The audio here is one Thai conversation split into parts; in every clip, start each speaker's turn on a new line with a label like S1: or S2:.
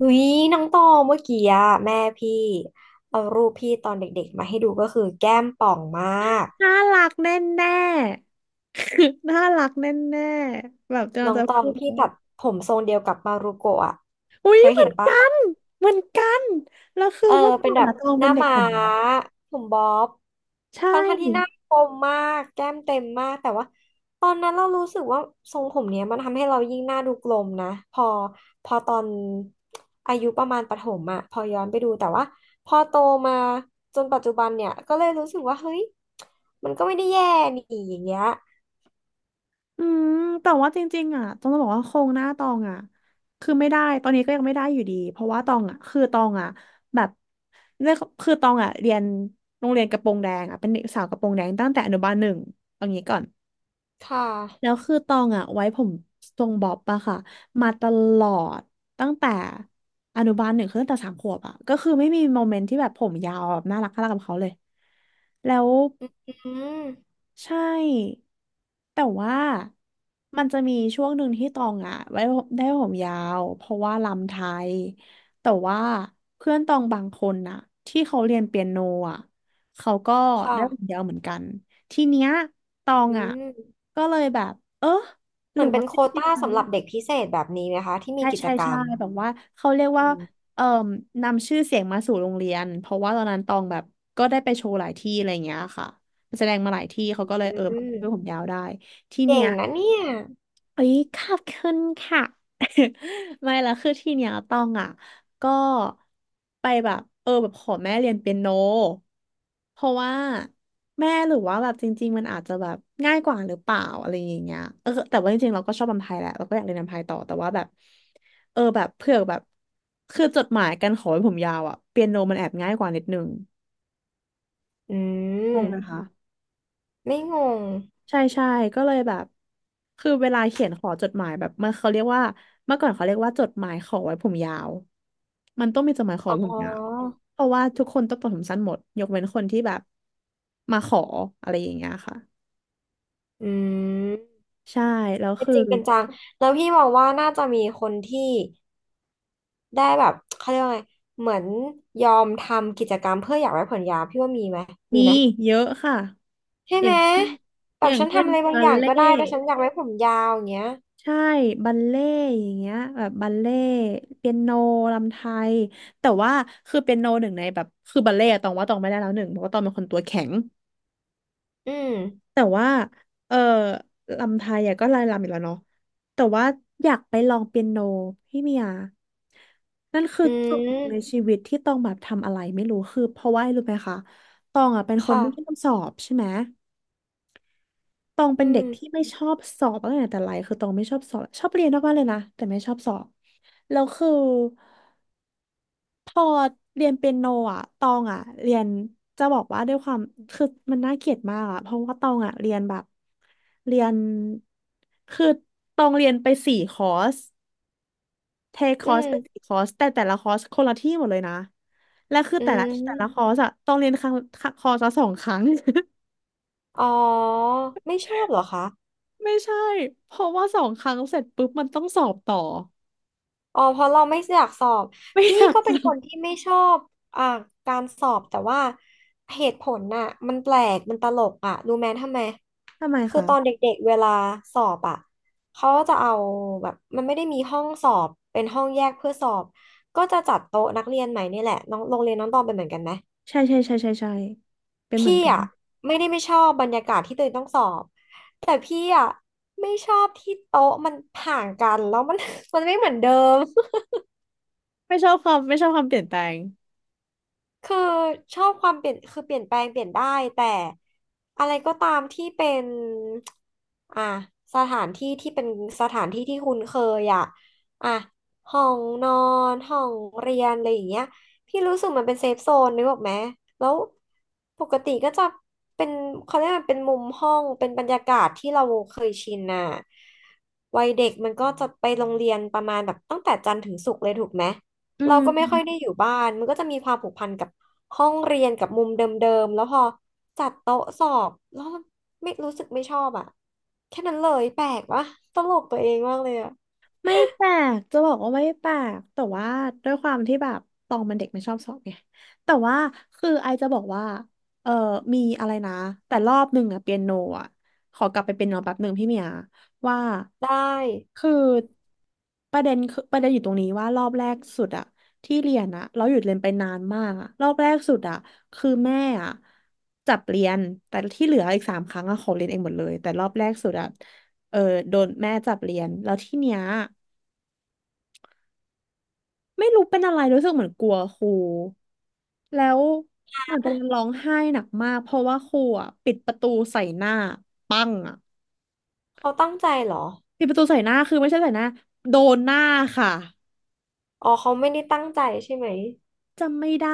S1: อุ๊ยน้องตองเมื่อกี้อะแม่พี่เอารูปพี่ตอนเด็กๆมาให้ดูก็คือแก้มป่องมาก
S2: น่ารักแน่แน่ น่ารักแน่แน่แบบจะ
S1: น้อง
S2: จะ
S1: ตอง
S2: พูด
S1: พี่ตัดผมทรงเดียวกับมารุโกะอะ
S2: อุ้
S1: เค
S2: ย
S1: ย
S2: เหมื
S1: เห็
S2: อ
S1: น
S2: น
S1: ปะ
S2: กันเหมือนกัน แล้วคือ
S1: เออ
S2: เมื่อ
S1: เป็
S2: ก่อ
S1: น
S2: น
S1: แบบ
S2: อะตอง
S1: ห
S2: เป็
S1: น้า
S2: นเด็ก
S1: ม้า
S2: ผมบ๊อบ
S1: ผมบ๊อบ
S2: ใช่
S1: ทั้งท่านที่หน้าคมมากแก้มเต็มมากแต่ว่าตอนนั้นเรารู้สึกว่าทรงผมเนี้ยมันทำให้เรายิ่งหน้าดูกลมนะพอตอนอายุประมาณประถมอะพอย้อนไปดูแต่ว่าพอโตมาจนปัจจุบันเนี่ยก็เลยรู้สึกว่าเฮ้ยมันก็ไม่ได้แย่นี่อย่างเงี้ย
S2: อืมแต่ว่าจริงๆอ่ะต้องบอกว่าโครงหน้าตองอ่ะคือไม่ได้ตอนนี้ก็ยังไม่ได้อยู่ดี เพราะว่าตองอ่ะแบบเนี่ยคือตองอ่ะเรียนโรงเรียนกระโปรงแดงอ่ะเป็นเด็กสาวกระโปรงแดงตั้งแต่อนุบาลหนึ่งเอางี้ก่อน
S1: ค่
S2: แล้
S1: ะ
S2: วคือตองอะไว้ผมทรงบ๊อบอะค่ะมาตลอดตั้งแต่อนุบาลหนึ่งคือตั้งแต่สามขวบอะก็คือไม่มีโมเมนต์ที่แบบผมยาวแบบน่ารักน่ารักกับเขาเลยแล้ว
S1: อืม
S2: ใช่แต่ว่ามันจะมีช่วงหนึ่งที่ตองอ่ะไว้ผมได้ผมยาวเพราะว่าลำไทยแต่ว่าเพื่อนตองบางคนน่ะที่เขาเรียนเปียโนอ่ะเขาก็
S1: ค่ะ
S2: ได้ผมยาวเหมือนกันทีเนี้ยตอง
S1: อื
S2: อ่ะ
S1: ม
S2: ก็เลยแบบเออห
S1: เห
S2: รื
S1: มื
S2: อ
S1: อนเป็
S2: ว่า
S1: นโค
S2: จ
S1: ว
S2: ริง
S1: ต้า
S2: ๆแล้ว
S1: สำหรับเด็กพิเศษแบบนี้ไหมคะที่มี
S2: ใช่
S1: กิจ
S2: ใช่
S1: กรร
S2: ใช่
S1: ม
S2: แบบว่าเขาเรียกว่า
S1: อ
S2: เอ่มนำชื่อเสียงมาสู่โรงเรียนเพราะว่าตอนนั้นตองแบบก็ได้ไปโชว์หลายที่อะไรอย่างเงี้ยค่ะแสดงมาหลายที่เขาก็เลย
S1: ื
S2: เออช่วยผม
S1: ม
S2: ยาวได้ที่เนี้
S1: เก่ง
S2: ย
S1: นะเนี่ย
S2: เอ้ยขอบคุณค่ะ ไม่ละคือที่เนี้ยต้องอ่ะก็ไปแบบเออแบบขอแม่เรียนเปียโนเพราะว่าแม่หรือว่าแบบจริงๆมันอาจจะแบบง่ายกว่าหรือเปล่าอะไรอย่างเงี้ยเออแต่ว่าจริงๆเราก็ชอบรำไทยแหละเราก็อยากเรียนรำไทยต่อแต่ว่าแบบเออแบบเผื่อแบบคือจดหมายการขอให้ผมยาวอ่ะเปียโนมันแอบง่ายกว่านิดนึง
S1: อื
S2: งงไหม
S1: ม
S2: คะ
S1: ไม่งง
S2: ใช่ใช่ก็เลยแบบคือเวลาเขียนขอจดหมายแบบมันเขาเรียกว่าเมื่อก่อนเขาเรียกว่าจดหมายขอไว้ผมยาวมันต้องมีจดหมายขอ
S1: อ๋
S2: ไว้ผ
S1: อ
S2: มยาวเพราะว่าทุกคนต้องตัดผมสั้นหมดยกเว้นคนที่แบบมาขออะไรอย่างเงี้ยค่ะ
S1: อืม
S2: ใช่แล้ว
S1: เป็น
S2: คือ
S1: จริงเป็นจัง แล้วพี่มองว่าน่าจะมีคนที่ได้แบบเขาเรียกว่าไงเหมือนยอมทำกิจกรรมเพื่ออยากไว้ผมยาวพี่ว่ามีไหมมี
S2: มี
S1: ไหม
S2: เยอะค่ะ
S1: ใช่
S2: อ
S1: ไห
S2: ย่า
S1: ม
S2: งเช่น
S1: แบ
S2: อ
S1: บ
S2: ย่าง
S1: ฉัน
S2: เช่
S1: ทำ
S2: น
S1: อะไรบาง
S2: บั
S1: อ
S2: ล
S1: ย่าง
S2: เล่
S1: ก็ได้ แต่
S2: ต์
S1: ฉันอยากไว้ผมยาวอย่างเงี้ย
S2: ใช่บัลเล่ต์อย่างเงี้ยแบบบัลเล่ต์เปียโนรำไทยแต่ว่าคือเปียโนหนึ่งในแบบคือบัลเล่ต์อะตองว่าตองไม่ได้แล้วหนึ่งเพราะว่าตองเป็นคนตัวแข็ง
S1: อืม
S2: แต่ว่าเออรำไทยอะก็ลายรำอีก่แล้วเนาะแต่ว่าอยากไปลองเปียโนพี่เมียนั่นคือ
S1: อื
S2: จุดหนึ่งใน
S1: ม
S2: ชีวิตที่ตองแบบทำอะไรไม่รู้คือเพราะว่ารู้ไหมคะตองอะเป็นคน
S1: ค่ะ
S2: ไม่ชอบสอบใช่ไหม ตอง
S1: อื
S2: เป็นเด็
S1: ม
S2: กที่ไม่ชอบสอบตั้งแต่แต่ไรคือตองไม่ชอบสอบชอบเรียนมากๆเลยนะแต่ไม่ชอบสอบแล้วคือพอเรียนเปียโนอ่ะตองอ่ะเรียนจะบอกว่าด้วยความคือมันน่าเกลียดมากอ่ะเพราะว่าตองอ่ะเรียนแบบเรียนคือตองเรียนไปสี่คอร์สเทคค
S1: อื
S2: อร์ส
S1: ม
S2: ไปสี่คอร์สแต่แต่ละคอร์สคนละที่หมดเลยนะและคือ
S1: อื
S2: แต่ละคอ
S1: ม
S2: ร์สอะต้องเรียนครั้งคอร์สละสองครั้ง
S1: อ๋อ ไม่ชอบเหรอคะ
S2: ไม่ใช่เพราะว่าสองครั้งเสร็จปุ๊บมันต้องสอบต่อ
S1: อ๋อเพราะเราไม่อยากสอบ
S2: ไม่อ
S1: พี่
S2: ยาก
S1: ก็เป็น
S2: รู้
S1: คนที่ไม่ชอบอ่าการสอบแต่ว่าเหตุผลน่ะมันแปลกมันตลกอ่ะรู้ไหมทำไม
S2: ทำไม
S1: คือตอน
S2: คะ
S1: เด็กๆเวลาสอบอ่ะเขาจะเอาแบบมันไม่ได้มีห้องสอบเป็นห้องแยกเพื่อสอบก็จะจัดโต๊ะนักเรียนใหม่นี่แหละน้องโรงเรียนน้องตองเป็นเหมือนกันไหม
S2: ใช่ใช่ใช่ใช่ใช่เป็นเหมื
S1: พี่
S2: อนกัน
S1: อ่ะไม่ชอบบรรยากาศที่ตัวเองต้องสอบแต่พี่อ่ะไม่ชอบที่โต๊ะมันห่างกันแล้วมัน มันไม่เหมือนเดิม
S2: ไม่ชอบความไม่ชอบความเปลี่ยนแปลง
S1: คือชอบความเปลี่ยนคือเปลี่ยนแปลงเปลี่ยนได้แต่อะไรก็ตามที่เป็นอ่ะสถานที่ที่เป็นสถานที่ที่คุ้นเคยอ่ะอ่ะห้องนอนห้องเรียนอะไรอย่างเงี้ยพี่รู้สึกมันเป็นเซฟโซนนึกออกไหมแล้วปกติก็จะเป็นเขาเรียกมันเป็นมุมห้องเป็นบรรยากาศที่เราเคยชินน่ะวัยเด็กมันก็จะไปโรงเรียนประมาณแบบตั้งแต่จันทร์ถึงศุกร์เลยถูกไหม
S2: อื
S1: เราก็ไม่ค่อยได้
S2: ม
S1: อยู่บ้านมันก็จะมีความผูกพันกับห้องเรียนกับมุมเดิมๆแล้วพอจัดโต๊ะสอบแล้วไม่รู้สึกไม่ชอบอ่ะแค่นั้นเลยแปลกวะตลกตัวเองมากเลยอ่ะ
S2: ไม่แปลกจะบอกว่าไม่แปลกแต่ว่าด้วยความที่แบบตองมันเด็กไม่ชอบสอบไงแต่ว่าคือไอจะบอกว่าเออมีอะไรนะแต่รอบหนึ่งอะเปียโนอะขอกลับไปเปียโนแป๊บหนึ่งพี่เมียว่า
S1: ได้
S2: คือประเด็นอยู่ตรงนี้ว่ารอบแรกสุดอะที่เรียนอะเราหยุดเรียนไปนานมากอะรอบแรกสุดอะคือแม่อะจับเรียนแต่ที่เหลืออีกสามครั้งอะขอเรียนเองหมดเลยแต่รอบแรกสุดอะเออโดนแม่จับเรียนแล้วที่เนี้ย ไม่รู้เป็นอะไรรู้สึกเหมือนกลัวครูแล้วเหมือนกำลังร้องไห้หนักมากเพราะว่าครูอ่ะปิดประตูใส่หน้าปังอ่ะ
S1: เขาตั้งใจเหรอ
S2: ปิดประตูใส่หน้าคือไม่ใช่ใส่หน้าโดนหน้าค่ะ
S1: อ๋อเขาไม่ได้ตั้งใจใช่ไหม
S2: จำไม่ได้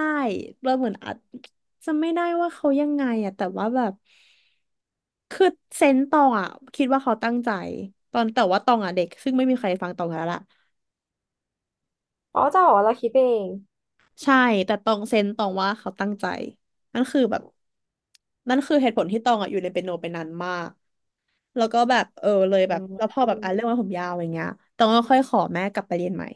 S2: เราเหมือนอาจจำไม่ได้ว่าเขายังไงอ่ะแต่ว่าแบบคือเซนส์ตองอ่ะคิดว่าเขาตั้งใจตอนแต่ว่าตองอ่ะเด็กซึ่งไม่มีใครฟังตองแล้วล่ะ
S1: อ๋อจะบอกว่าเราคิดไปเอง
S2: ใช่แต่ตองเซนส์ตองว่าเขาตั้งใจนั่นคือแบบนั่นคือเหตุผลที่ตองอ่ะอยู่ในเปียโนไปนานมาก แล้วก็แบบเออเลย
S1: อื
S2: แบบแล้ว
S1: ม
S2: พอแบบอ่ะเรื่องไวาผมยาวอย่างเงี้ยต้องก็ค่อยขอแม่กลับไปเรียนใหม่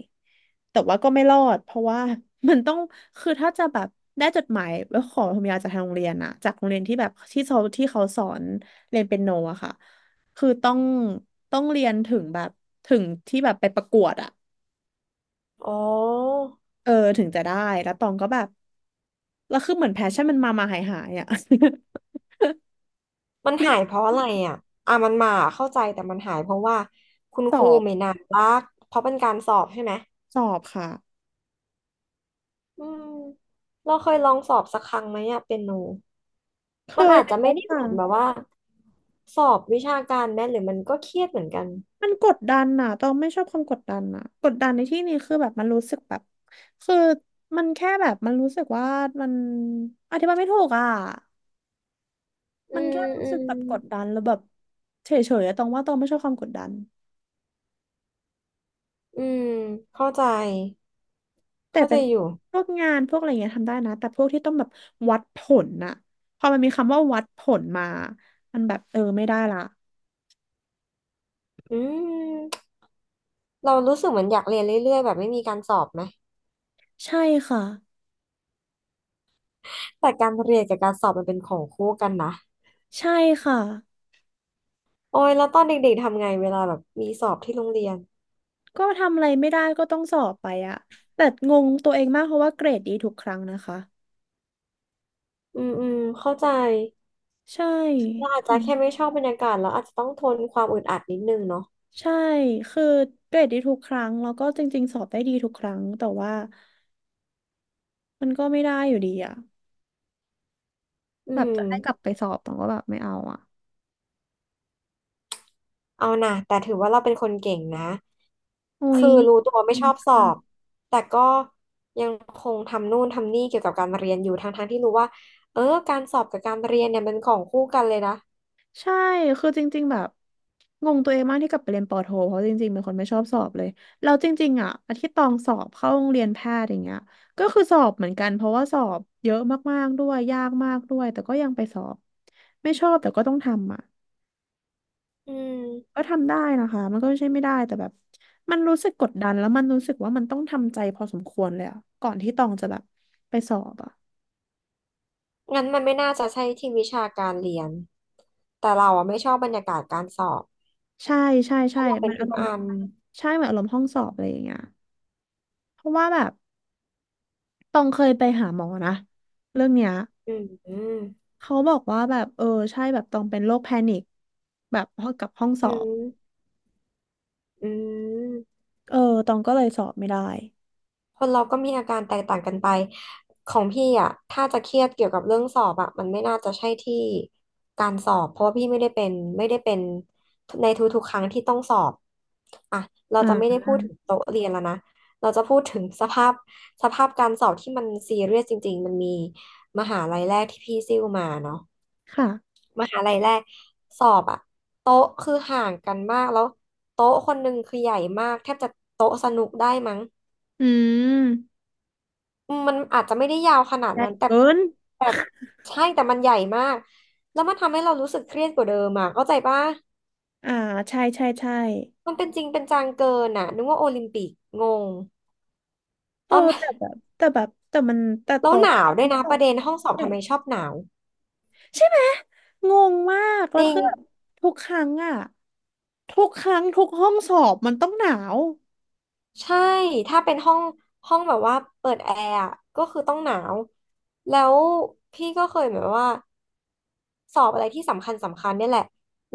S2: แต่ว่าก็ไม่รอดเพราะว่า มันต้องคือถ้าจะแบบได้จดหมายวว้ขอผมยาวจากทางโรงเรียนอะจากโรงเรียนที่แบบที่เขาสอนเรียนเปียโนอะค่ะคือต้องเรียนถึงแบบถึงที่แบบไปประกวดอะ
S1: อ๋อ
S2: เออถึงจะได้แล้วตองก็แบบแล้วคือเหมือนแพชชั่นมันมามาหายหายอะ
S1: มัน
S2: เรีย
S1: หายเพ
S2: น
S1: ราะอะไรอ่ะอ่ะมันมาเข้าใจแต่มันหายเพราะว่าคุณ
S2: ส
S1: ค
S2: อ
S1: รู
S2: บ
S1: ไม่น่ารักเพราะเป็นการสอบใช่ไหม
S2: สอบค่ะ
S1: อืมเราเคยลองสอบสักครั้งไหมอะเปียโน
S2: เค
S1: มัน
S2: ย
S1: อาจจะ
S2: แล้
S1: ไม่
S2: ว
S1: ได้
S2: ค่ะ
S1: เหมือนแบบว่าสอบวิชาการแม่หรือมันก็เครียดเหมือนกัน
S2: มันกดดันน่ะต้องไม่ชอบความกดดันน่ะกดดันในที่นี้คือแบบมันรู้สึกแบบคือมันแค่แบบมันรู้สึกว่ามันอธิบายไม่ถูกอ่ะ
S1: อื
S2: มันแค่
S1: ม
S2: รู้
S1: อื
S2: สึก
S1: ม
S2: แบบกดดันแล้วแบบเฉยๆอะต้องว่าต้องไม่ชอบความกดดัน
S1: อืมเข้าใจ
S2: แต่
S1: เข้าใจ
S2: เป็น
S1: อยู่
S2: พวกงานพวกอะไรเงี้ยทำได้นะแต่พวกที่ต้องแบบวัดผลน่ะพอมันมีคำว่าวัดผลมามันแบบเออไม่ได้ละ
S1: อืมเรารู้สึกเหมือนอยากเรียนเรื่อยๆแบบไม่มีการสอบไหม
S2: ใช่ค่ะ
S1: แต่การเรียนกับการสอบมันเป็นของคู่กันนะ
S2: ใช่ค่ะ
S1: โอ้ยแล้วตอนเด็กๆทำไงเวลาแบบมีสอบที่โรงเรียน
S2: ก็ทำอะไรไม่ได้ก็ต้องสอบไปอะแต่งงตัวเองมากเพราะว่าเกรดดีทุกครั้งนะคะ
S1: อืมอืมเข้าใจ
S2: ใช
S1: เรา
S2: ่
S1: อาจจะแค่ไม่ชอบบรรยากาศแล้วอาจจะต้องทนความอึดอัดนิดนึงเนาะ
S2: ใช่คือเกรดดีทุกครั้งแล้วก็จริงๆสอบได้ดีทุกครั้งแต่ว่ามันก็ไม่ได้อยู่ดีอะ
S1: อื
S2: แบบ
S1: ม
S2: จะให้กลับไปสอบต้องก็แบบไม่เอาอะ
S1: เอานะแต่ถือว่าเราเป็นคนเก่งนะ
S2: โอ้ย
S1: คือรู้
S2: ขอ
S1: ตั
S2: บ
S1: วไม่
S2: คุ
S1: ช
S2: ณ
S1: อบสอบ
S2: ค่ะ
S1: แต่ก็ยังคงทำนู่นทำนี่เกี่ยวกับการเรียนอยู่ทั้งๆที่รู้ว่าเออการสอบกับการเรียนเนี่ยมันของคู่กันเลยนะ
S2: ใช่คือจริงๆแบบงงตัวเองมากที่กลับไปเรียนปอโทเพราะจริงๆเป็นคนไม่ชอบสอบเลยแล้วจริงๆอะอาที่ตองสอบเข้าโรงเรียนแพทย์อย่างเงี้ยก็คือสอบเหมือนกันเพราะว่าสอบเยอะมากๆด้วยยากมากด้วยแต่ก็ยังไปสอบไม่ชอบแต่ก็ต้องทำอะ
S1: อื
S2: ก็
S1: ม
S2: ทำได้นะคะมันก็ไม่ใช่ไม่ได้แต่แบบมันรู้สึกกดดันแล้วมันรู้สึกว่ามันต้องทำใจพอสมควรเลยอะก่อนที่ตองจะแบบไปสอบอะ
S1: งั้นมันไม่น่าจะใช่ที่วิชาการเรียนแต่เราอ่ะไม่ชอบบรรยากาศการสอบ
S2: ใช่ใช่ใช่
S1: เราเป็
S2: มั
S1: น
S2: น
S1: ถึ
S2: อา
S1: ง
S2: รม
S1: อั
S2: ณ์
S1: ม
S2: ใช่เหมือนอารมณ์ห้องสอบอะไรอย่างเงี้ยเพราะว่าแบบตองเคยไปหาหมอนะเรื่องเนี้ย
S1: อืมอืม
S2: เขาบอกว่าแบบเออใช่แบบตองเป็นโรคแพนิคแบบพอกับห้องสอบ
S1: อืม
S2: เออตองก็เลยสอบไม่ได้
S1: คนเราก็มีอาการแตกต่างกันไปของพี่อ่ะถ้าจะเครียดเกี่ยวกับเรื่องสอบอ่ะมันไม่น่าจะใช่ที่การสอบเพราะว่าพี่ไม่ได้เป็นในทุกๆครั้งที่ต้องสอบอ่ะเราจะไม่ได้
S2: อ่า
S1: พูดถึงโต๊ะเรียนแล้วนะเราจะพูดถึงสภาพการสอบที่มันซีเรียสจริงๆมันมีมหาลัยแรกที่พี่ซิ่วมาเนาะ
S2: ค่ะ
S1: มหาลัยแรกสอบอ่ะโต๊ะคือห่างกันมากแล้วโต๊ะคนหนึ่งคือใหญ่มากแทบจะโต๊ะสนุกได้มั้ง
S2: อืม
S1: มันอาจจะไม่ได้ยาวขนาด
S2: ได่
S1: นั้นแต่
S2: เกิน
S1: แต่ใช่แต่มันใหญ่มากแล้วมันทำให้เรารู้สึกเครียดกว่าเดิมอ่ะเข้าใจปะ
S2: อ่าใช่ใช่ใช่
S1: มันเป็นจริงเป็นจังเกินอ่ะนึกว่าโอลิมปิกงง
S2: เอ
S1: ต
S2: อ
S1: อน
S2: แต่มันแต่
S1: แล้วห
S2: โต๊ะ
S1: นาวด้
S2: ทุ
S1: วย
S2: ก
S1: นะป
S2: โต๊ะ
S1: ระเด็นห้องสอบ
S2: ใหญ่
S1: ทำไมชอบหนาว
S2: ใช่ไหมงงมาก
S1: จ
S2: แล้ว
S1: ริง
S2: คือแบบทุกครั้งอะทุกครั้งทุกห้องสอบมันต้องหนาว
S1: ใช่ถ้าเป็นห้องแบบว่าเปิดแอร์อะก็คือต้องหนาวแล้วพี่ก็เคยแบบว่า สอบอะไรที่สำคัญเนี่ยแหละ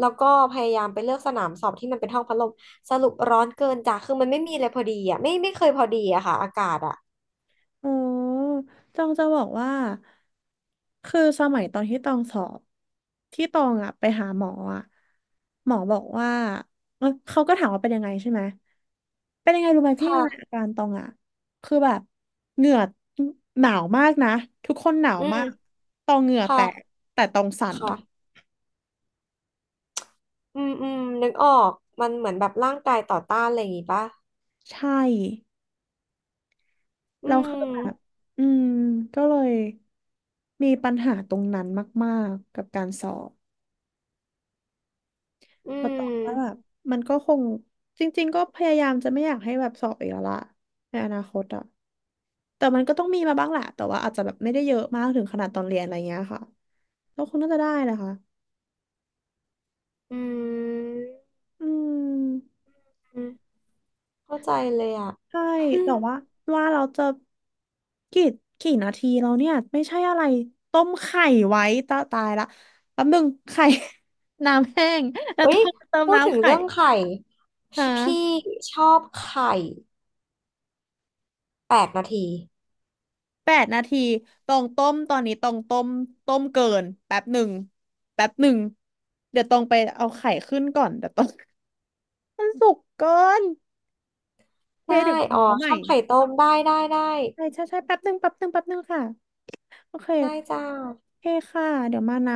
S1: แล้วก็พยายามไปเลือกสนามสอบที่มันเป็นห้องพัดลมสรุปร้อนเกินจ้ะคือมันไม่มีอะไรพอดีอ่ะไม่เคยพอดีอะค่ะอากาศอ่ะ
S2: อ๋อตองจะบอกว่า คือสมัยตอนที่ตองสอบ ที่ตองอะไปหาหมออะหมอบอกว่าเอ้ยเขาก็ถามว่าเป็นยังไงใช่ไหม เป็นยังไงรู้ไหมพี่มันอา
S1: ค่ะ
S2: การตองอะคือแบบเหงื่อหนาวมากนะทุกคนหนาว
S1: อืม
S2: มากตองเหงื่อแต
S1: ค่ะ
S2: กแต่ตองสั่น
S1: ค่ะอืมอืมนึกออกมันเหมือนแบบร่างกายต่อต้านอะไรอย่างงี้ปะ
S2: ใช่
S1: อื
S2: แล้วคือแบ
S1: ม
S2: บอืมก็เลยมีปัญหาตรงนั้นมากๆกับการสอบ
S1: อื
S2: เราตอ
S1: ม
S2: บว่าแบบมันก็คงจริงๆก็พยายามจะไม่อยากให้แบบสอบอีกแล้วล่ะในอนาคตอ่ะแต่มันก็ต้องมีมาบ้างแหละแต่ว่าอาจจะแบบไม่ได้เยอะมากถึงขนาดตอนเรียนอะไรเงี้ยค่ะก็คงน่าจะได้แหละค่ะ
S1: อืม
S2: อืม
S1: อืมเข้าใจเลยอ่ะ
S2: ใช่
S1: อืม
S2: แต่ว่าว่าเราจะกี่กี่นาทีแล้วเนี่ยไม่ใช่อะไรต้มไข่ไว้ตาตายละแป๊บนึงไข่ น้ำแห้งแล้ว
S1: เอ้
S2: ต้
S1: ย
S2: องเติม
S1: พูดถึ
S2: น้ำ
S1: ง
S2: ไข่
S1: เรื่องไข่ช
S2: ฮะ
S1: พี่ชอบไข่8 นาที
S2: 8 นาทีตองต้มตอนนี้ตองต้มต้มเกินแป๊บหนึ่งแป๊บหนึ่งเดี๋ยวตองไปเอาไข่ขึ้นก่อนเดี๋ยวตอง มันสุกเกินโอเค
S1: ได้
S2: เดี๋ยว
S1: อ๋อ
S2: มาเอาให
S1: ช
S2: ม่
S1: อบไข่ต้มได้ได้ได้
S2: ใช่ใช่ใช่แป๊บหนึ่งแป๊บหนึ่งแป๊บหนึ่งค่ะโอเค
S1: ได้จ้า
S2: โอเคค่ะเดี๋ยวมานะ